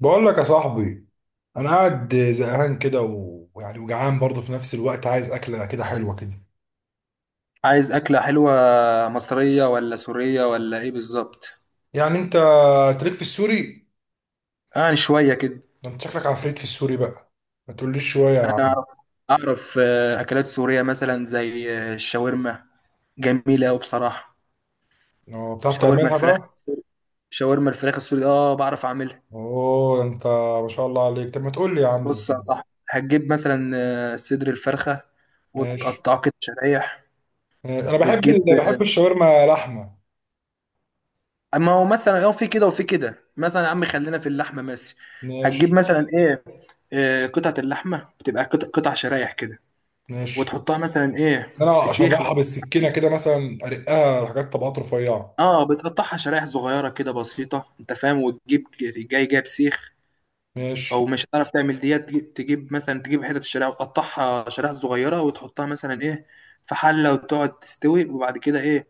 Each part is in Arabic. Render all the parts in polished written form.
بقول لك يا صاحبي، انا قاعد زهقان كده و- ويعني وجعان برضه في نفس الوقت، عايز اكله كده حلوه كده. عايز أكلة حلوة مصرية ولا سورية ولا إيه بالظبط؟ يعني انت تليك في السوري؟ يعني شوية كده. ده انت شكلك عفريت في السوري بقى. ما تقوليش شويه يا أنا عم. أعرف، أعرف أكلات سورية مثلا زي الشاورما، جميلة أوي بصراحة. اه بتعرف شاورما تعملها الفراخ. بقى. شاورما الفراخ السوري، آه بعرف أعملها. اوه انت ما شاء الله عليك، طب ما تقول لي يا عم بص ازاي. يا صاحبي، هتجيب مثلا صدر الفرخة ماشي وتقطعه كده شرايح. ماشي. انا وتجيب بحب آه، الشاورما لحمه. أما هو مثلا في كده وفي كده، مثلا يا عم خلينا في اللحمة مثلا. هتجيب ماشي مثلا إيه؟ قطعة اللحمة بتبقى قطع قطع شرايح كده. ماشي. وتحطها مثلا ايه؟ في انا سيخ اشرحها بالسكينه كده، مثلا ارقها حاجات طبقات رفيعه. اه بتقطعها شرايح صغيره كده بسيطه، انت فاهم، وتجيب جايب سيخ. او ماشي. مش هتعرف تعمل ديت، تجيب مثلا، تجيب حتت الشرايح وتقطعها شرايح صغيره وتحطها مثلا ايه؟ في حله وتقعد تستوي. وبعد كده ايه؟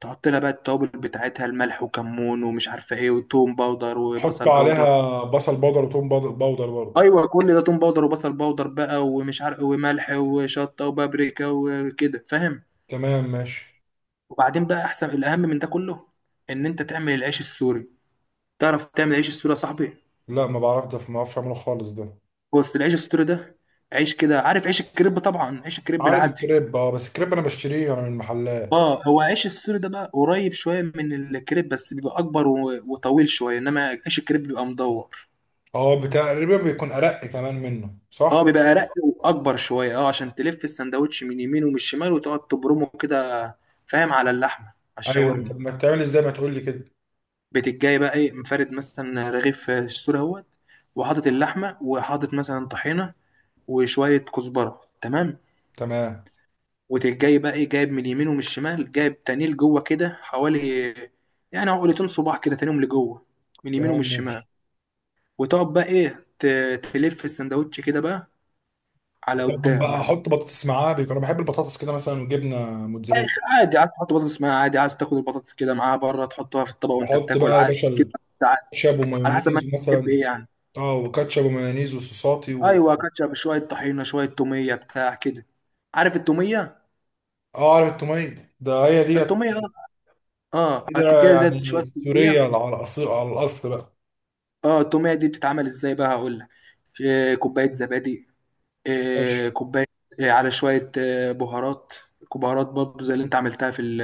تحط لها بقى التوابل بتاعتها، الملح وكمون ومش عارفه ايه، وتوم باودر احط وبصل باودر. عليها بصل بودر وتوم بود- بودر برضه. ايوه كل ده، توم باودر وبصل باودر بقى، ومش عارف، وملح وشطه وبابريكا وكده، فاهم. تمام ماشي. وبعدين بقى احسن، الاهم من ده كله ان انت تعمل العيش السوري. تعرف تعمل عيش السوري يا صاحبي؟ لا ما بعرف، ده ما بعرفش اعمله خالص ده. بص، العيش السوري ده عيش كده، عارف عيش الكريب طبعا، عيش الكريب عارف العادي. الكريب اه، بس الكريب انا بشتريه انا من المحلات. اه، هو عيش السوري ده بقى قريب شويه من الكريب، بس بيبقى اكبر وطويل شويه، انما عيش الكريب بيبقى مدور. اه تقريبا بيكون ارق كمان منه اه، صح. بيبقى رق واكبر شويه، اه عشان تلف السندوتش من يمين ومن الشمال وتقعد تبرمه كده، فاهم، على اللحمه، على ايوه. طب الشاورما. ما بتعمل ازاي، ما تقول لي كده. بتجي بقى ايه؟ مفرد مثلا رغيف السوري اهوت، وحاطط اللحمه، وحاطط مثلا طحينه وشويه كزبره، تمام. تمام. وتجي بقى ايه، جايب من اليمين ومن الشمال، جايب تاني لجوه كده، حوالي يعني عقلتين صباع كده تانيهم لجوه، من اليمين ومن تمام الشمال. ماشي. وتقعد بقى ايه تلف السندوتش كده بقى على طبعا بقى قدام. احط بطاطس معاه، بيكون انا بحب البطاطس كده مثلا، وجبنه موتزاريلا. آخ، عادي، عايز تحط بطاطس معاها عادي، عايز تاكل البطاطس كده معاها بره تحطها في الطبق وانت واحط بتاكل بقى يا عادي باشا كده. عادي. الكاتشب على حسب ما ومايونيز انت بتحب مثلا. ايه يعني. اه وكاتشب ومايونيز وصوصاتي. ايوه، كاتشب، شويه طحينه، شويه توميه بتاع كده. عارف التوميه؟ اه عارف التوميه ده هي ديت. التوميه اه. اه، كده هتجهز يعني شويه سوريه توميه. على الأصيل، على الاصل بقى. اه، التوميه دي بتتعمل ازاي بقى؟ هقول لك. كوبايه زبادي. ماشي. كوبايه. على شويه بهارات. بهارات برضه زي اللي انت عملتها في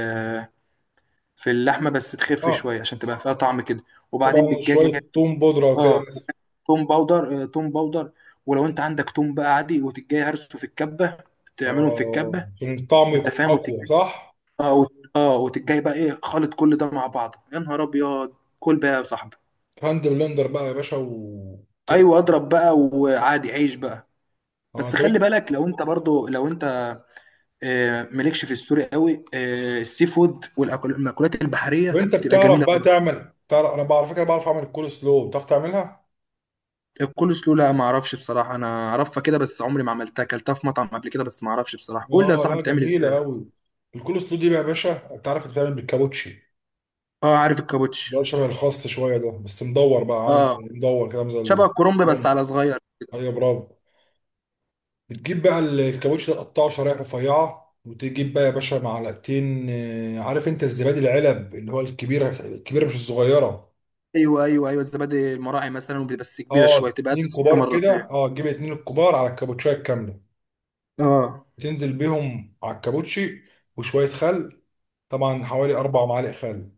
في اللحمه، بس تخف اه شويه عشان تبقى فيها طعم كده. وبعدين طبعا بالجاجه. شوية توم بودرة وكده اه، مثلا. توم باودر، توم باودر. ولو انت عندك توم بقى عادي، وتجي هرسه في الكبه، تعملهم في اه الكبه. عشان الطعم انت يكون فاهم، أقوى وتجي صح؟ اه اه وتجي بقى ايه، خلط كل ده مع بعض، يا نهار ابيض. كل بقى يا صاحبي. في هاند بلندر بقى يا باشا، ايوه وتطلع. اضرب بقى، وعادي عيش بقى. اه. بس خلي طب بالك، لو انت برضو، لو انت مالكش في السوري قوي، السي فود والمأكولات طب البحرية أنت بتبقى بتعرف جميلة بقى برضه. تعمل، تعرف على فكرة بعرف أعمل الكول سلو، بتعرف تعملها؟ الكول سلو لا، ما اعرفش بصراحة، انا اعرفها كده بس عمري ما عملتها، اكلتها في مطعم قبل كده بس ما اعرفش بصراحة، قول لي يا اه صاحبي لا بتعمل جميلة ازاي. أوي. الكول سلو دي بقى يا باشا، أنت عارف بتتعمل بالكابوتشي. اه عارف ده الكابوتش. شبه الخاص شوية، ده بس مدور بقى، عامل اه، مدور كده شبه الكرنب بس على صغير. ايوه برافو. بتجيب بقى الكاوتش ده، تقطعه شرايح رفيعة، وتجيب بقى يا باشا معلقتين، عارف انت الزبادي العلب اللي هو الكبيرة، الكبيرة مش الصغيرة. ايوه ايوه ايوه، الزبادي المراعي مثلا، بس كبيرة اه شوية تبقى قد اتنين الصغيرة كبار كده، مرتين. اه تجيب اتنين الكبار على الكابوتشاية الكاملة. اه. تنزل بيهم على الكابوتشي، وشوية خل، طبعا حوالي أربع معالق خل.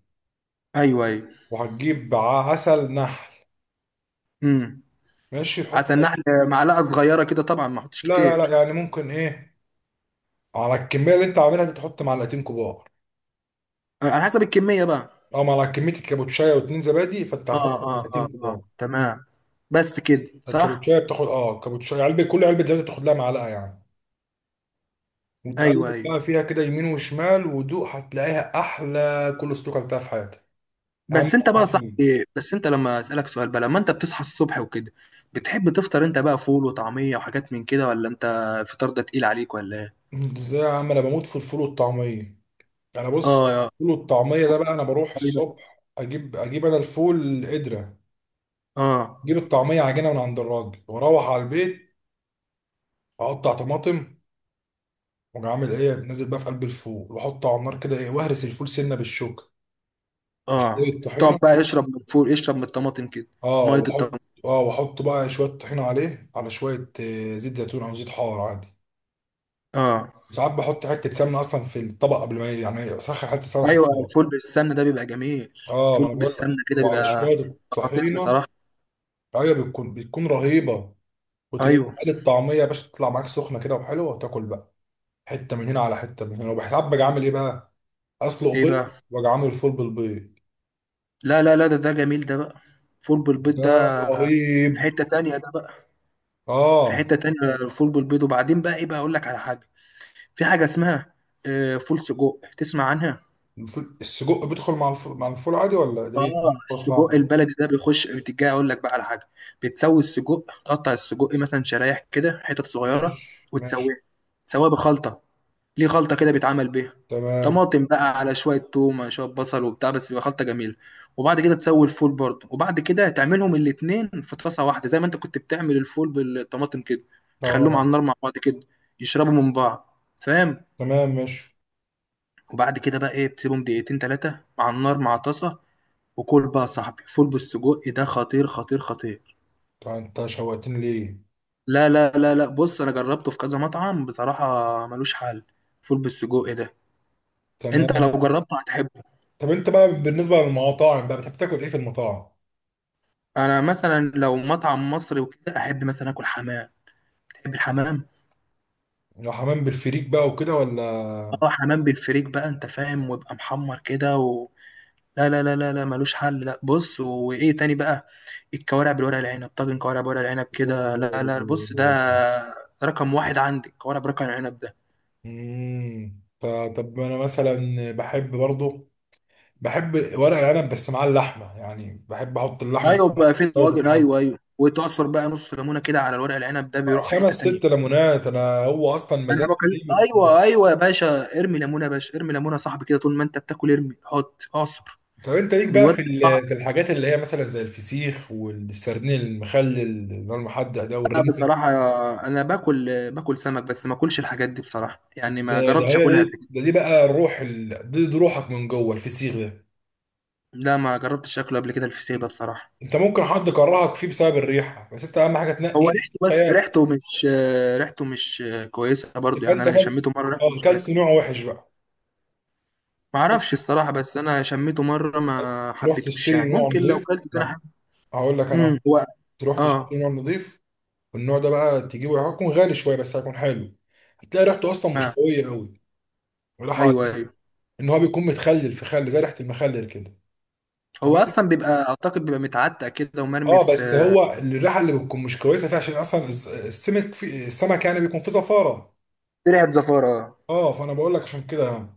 ايوه ايوه. عسل نحل. امم. ماشي. عسل نحل. معلقة صغيرة كده طبعا ما احطش لا لا كتير. لا، يعني ممكن ايه، على الكمية اللي انت عاملها دي تحط معلقتين كبار. على حسب الكمية بقى. او على كمية الكابوتشاية واتنين زبادي، فانت اه هتحط اه معلقتين اه اه، كبار. تمام. بس كده الكابوتشايه صح. بتاخد اه، الكابوتشايه علبه، كل علبه زبادي بتاخد لها معلقه يعني. وتقلب ايوه ايوه. بقى فيها كده يمين وشمال، ودوق هتلاقيها احلى كول سلو اكلتها في حياتك. اهم بس انت بقى صح. حاجة. بس انت لما اسالك سؤال بقى، لما انت بتصحى الصبح وكده بتحب تفطر انت بقى فول وطعميه وحاجات من كده، ولا انت الفطار ده تقيل عليك ولا ايه؟ ازاي يا عم، انا بموت في الفول والطعميه. انا اه بص، اه الفول والطعميه ده بقى انا بروح الصبح اجيب انا الفول قدره. اه اجيب الطعميه عجينه من عند الراجل، واروح على البيت. اقطع طماطم، واجي عامل ايه، نازل بقى في قلب الفول واحطه على النار كده ايه، واهرس الفول سنه بالشوكه، اه. وشويه تقعد طحينه. بقى اشرب من الفول اشرب من الطماطم كده، اه ميه الطماطم. واحط اه واحط بقى شويه طحينه عليه، على شويه زيت زيتون او زيت حار عادي. اه. ساعات بحط حته سمنه اصلا في الطبق قبل ما يعني اسخن حته سمنه في ايوه، الطبق. الفول بالسمنه ده بيبقى جميل. اه ما الفول انا بقول بالسمنه لك، كده وعلى بيبقى شويه خطير الطحينه. بصراحه. ايوه بتكون رهيبه. وتجي ايوه. تقلي الطعميه يا باشا، تطلع معاك سخنه كده وحلوه، وتاكل بقى. حته من هنا على حته من هنا، وبحساب باجي عامل ايه بقى، اسلق ايه بيض، بقى. واجي عامل فول بالبيض. لا لا لا، ده جميل ده بقى. فول بالبيض ده ده في رهيب. حته تانية ده بقى. في اه حته تانية. الفول بالبيض. وبعدين بقى ايه، بقى اقول لك على حاجه. في حاجة اسمها فول سجق، تسمع عنها؟ الفول، السجق بيدخل مع الفول عادي، ولا ده ايه؟ أنا أول اه، مرة السجق اسمعها. البلدي ده بيخش، بتجي اقول لك بقى على حاجة. بتسوي السجق، تقطع السجق مثلا شرايح كده حتت صغيرة. ماشي ماشي. وتسويه، تسويه بخلطة. ليه خلطة كده بيتعمل بيها. تمام. طماطم بقى، على شوية توم، شوية بصل وبتاع، بس بيبقى خلطة جميلة. وبعد كده تسوي الفول برضه، وبعد كده تعملهم الاتنين في طاسة واحدة، زي ما انت كنت بتعمل الفول بالطماطم كده. تخليهم اه على النار مع بعض كده، يشربوا من بعض، فاهم. تمام ماشي. وبعد كده بقى ايه، بتسيبهم دقيقتين تلاتة مع النار مع طاسة. وكل بقى يا صاحبي، فول بالسجق إيه ده، خطير خطير خطير. طب انت شوقتني ليه. لا لا لا لا، بص انا جربته في كذا مطعم، بصراحة ملوش حل. فول بالسجق إيه ده. انت تمام. لو جربته هتحبه. طب انت بقى بالنسبة للمطاعم بقى، بتحب تاكل ايه في المطاعم؟ انا مثلا لو مطعم مصري وكده، احب مثلا اكل حمام. تحب الحمام. لو حمام بالفريك بقى وكده، ولا؟ اه حمام بالفريك بقى، انت فاهم، ويبقى محمر كده. لا لا لا لا لا، ملوش حل. لا، بص، وايه تاني بقى. الكوارع بالورق العنب، طاجن كوارع بورق العنب كده، لا لا، بص ده رقم واحد عندي، الكوارع برقم العنب ده. امم ف- طب انا مثلا بحب برضو، بحب ورق العنب، بس مع اللحمة، يعني بحب احط اللحمة ايوه بقى في كده في طواجن، الحل. ايوه ايوه، وتعصر بقى نص ليمونه كده على الورق العنب، ده بيروح في خمس حته تانية. ست ليمونات، انا هو اصلا انا مزاجي دي. بكلم، ايوه ايوه يا باشا، ارمي ليمونه يا باشا، ارمي ليمونه يا صاحبي كده، طول ما انت بتاكل ارمي، حط، اعصر، طب انت ليك بقى بيودي في الطعم. في الحاجات اللي هي مثلا زي الفسيخ والسردين المخلل اللي هو المحدق ده، لا والرنجة. بصراحه، انا باكل، باكل سمك بس ما اكلش الحاجات دي بصراحه، يعني ما ده ده جربتش هي اكلها قبل دي كده. ده دي بقى الروح، دي روحك من جوه الفسيخ ده. لا ما جربتش اكله قبل كده الفسيخ ده بصراحه. انت ممكن حد كرهك فيه بسبب الريحة، بس انت اهم حاجة هو تنقي ريحته، بس فسيخ. ريحته مش، ريحته مش كويسه برضو، يبقى يعني انت انا اكلت، شميته مره ريحته اه مش اكلت كويسه. نوع وحش بقى. ما اعرفش الصراحه، بس انا شميته مره ما تروح حبيتوش، يعني تشتري نوع ممكن لو نضيف. كلته تاني لا هقول لك امم. انا، هو تروح تشتري اه نوع نضيف. والنوع ده بقى تجيبه هيكون غالي شوية، بس هيكون حلو. هتلاقي ريحته اصلا مش ما قوية قوي ولا حاجة. ايوه ايوه، ان هو بيكون متخلل في خل، زي ريحه المخلل كده. هو تمام. اصلا بيبقى، اعتقد بيبقى متعتق كده ومرمي اه بس في، هو الريحه اللي بتكون مش كويسه فيها، عشان اصلا السمك، في السمك يعني بيكون فيه زفاره. في ريحه زفاره آه. اه فانا بقول لك عشان كده يعني.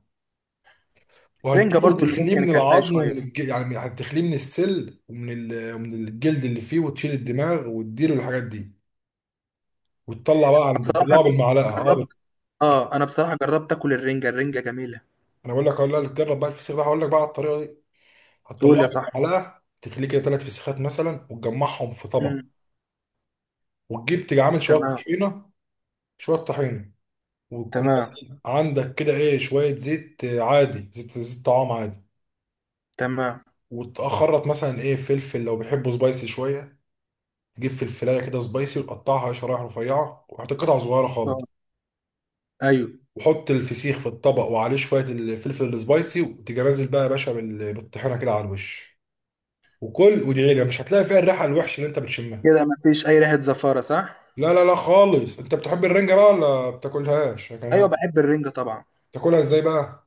رنجه وهتجيبه، برضو اللي وتخليه ممكن من اكلتها العظم شويه أنا يعني هتخليه من السل ومن الجلد اللي فيه، وتشيل الدماغ، وتديله الحاجات دي. وتطلع بقى عن بتطلعه بصراحه، بالمعلقه اه جربت، اه انا بصراحه جربت اكل الرنجه، الرنجه جميله. انا بقول لك، اقول لك جرب بقى الفسيخ ده، هقول لك بقى على الطريقه دي. قول هتطلعه يا صاحبي. بالمعلقه، تخليه كده ثلاث فسيخات مثلا، وتجمعهم في طبق. امم. تيجي عامل شويه تمام طحينه، شويه طحينه، وتكون تمام مثلا عندك كده ايه شوية زيت، عادي زيت، زيت طعام عادي. تمام. وتخرط مثلا ايه فلفل، لو بيحبوا سبايسي شوية. تجيب فلفلاية كده سبايسي، وتقطعها شرايح رفيعة، وحط قطع صغيرة اه خالص. ايوه. وحط الفسيخ في الطبق، وعليه شوية الفلفل السبايسي، وتيجي نازل بقى يا باشا بالطحينة كده على الوش. وكل، وادعي لي مش هتلاقي فيها الريحة الوحشة اللي انت بتشمها. كده ما فيش اي ريحه زفاره صح. لا لا لا خالص. انت بتحب الرنجة بقى ولا بتاكلهاش يا ايوه كمان؟ بحب الرنجة طبعا. بتاكلها ازاي بقى؟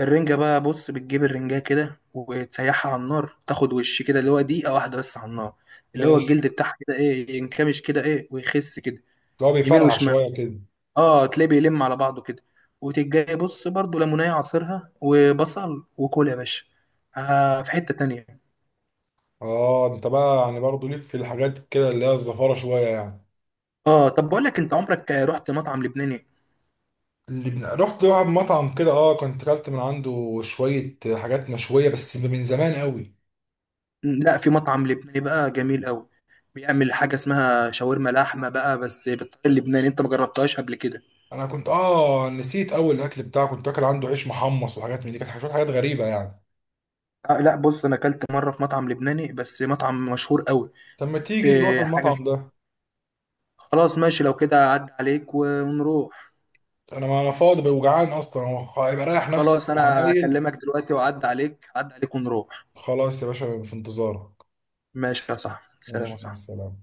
الرنجة بقى بص، بتجيب الرنجة كده وتسيحها على النار، تاخد وش كده، اللي هو دقيقة واحدة بس على النار. اللي هو ماشي. الجلد بتاعها كده ايه، ينكمش كده ايه ويخس كده لو يمين بيفرقع وشمال. شوية كده. اه تلاقيه بيلم على بعضه كده. وتجي بص برضو ليمونية عصيرها وبصل، وكل يا باشا، آه في حتة تانية. اه انت بقى يعني برضه ليك في الحاجات كده اللي هي الزفاره شويه يعني. اه طب بقول لك، انت عمرك رحت مطعم لبناني؟ رحت واحد مطعم كده اه، كنت اكلت من عنده شويه حاجات مشويه، بس من زمان قوي. لا، في مطعم لبناني بقى جميل قوي، بيعمل حاجة اسمها شاورما لحمة بقى بس بالطريقة اللبناني، انت ما جربتهاش قبل كده. انا كنت اه نسيت اول الاكل بتاعه، كنت اكل عنده عيش محمص وحاجات من دي، كانت حاجات غريبه يعني. آه لا، بص، انا اكلت مره في مطعم لبناني بس مطعم مشهور قوي. طب ما تيجي نروح إيه حاجه المطعم اسمها- ده. خلاص ماشي، لو كده عدى عليك ونروح. انا ما انا فاضي وجعان اصلا، هو هيبقى رايح نفسي في خلاص، انا العمايل. اكلمك دلوقتي، واعدي عليك عدى عليك ونروح. خلاص يا باشا في انتظارك. ماشي يا صاحبي، سلام يا ماشي مع صاحبي. السلامه.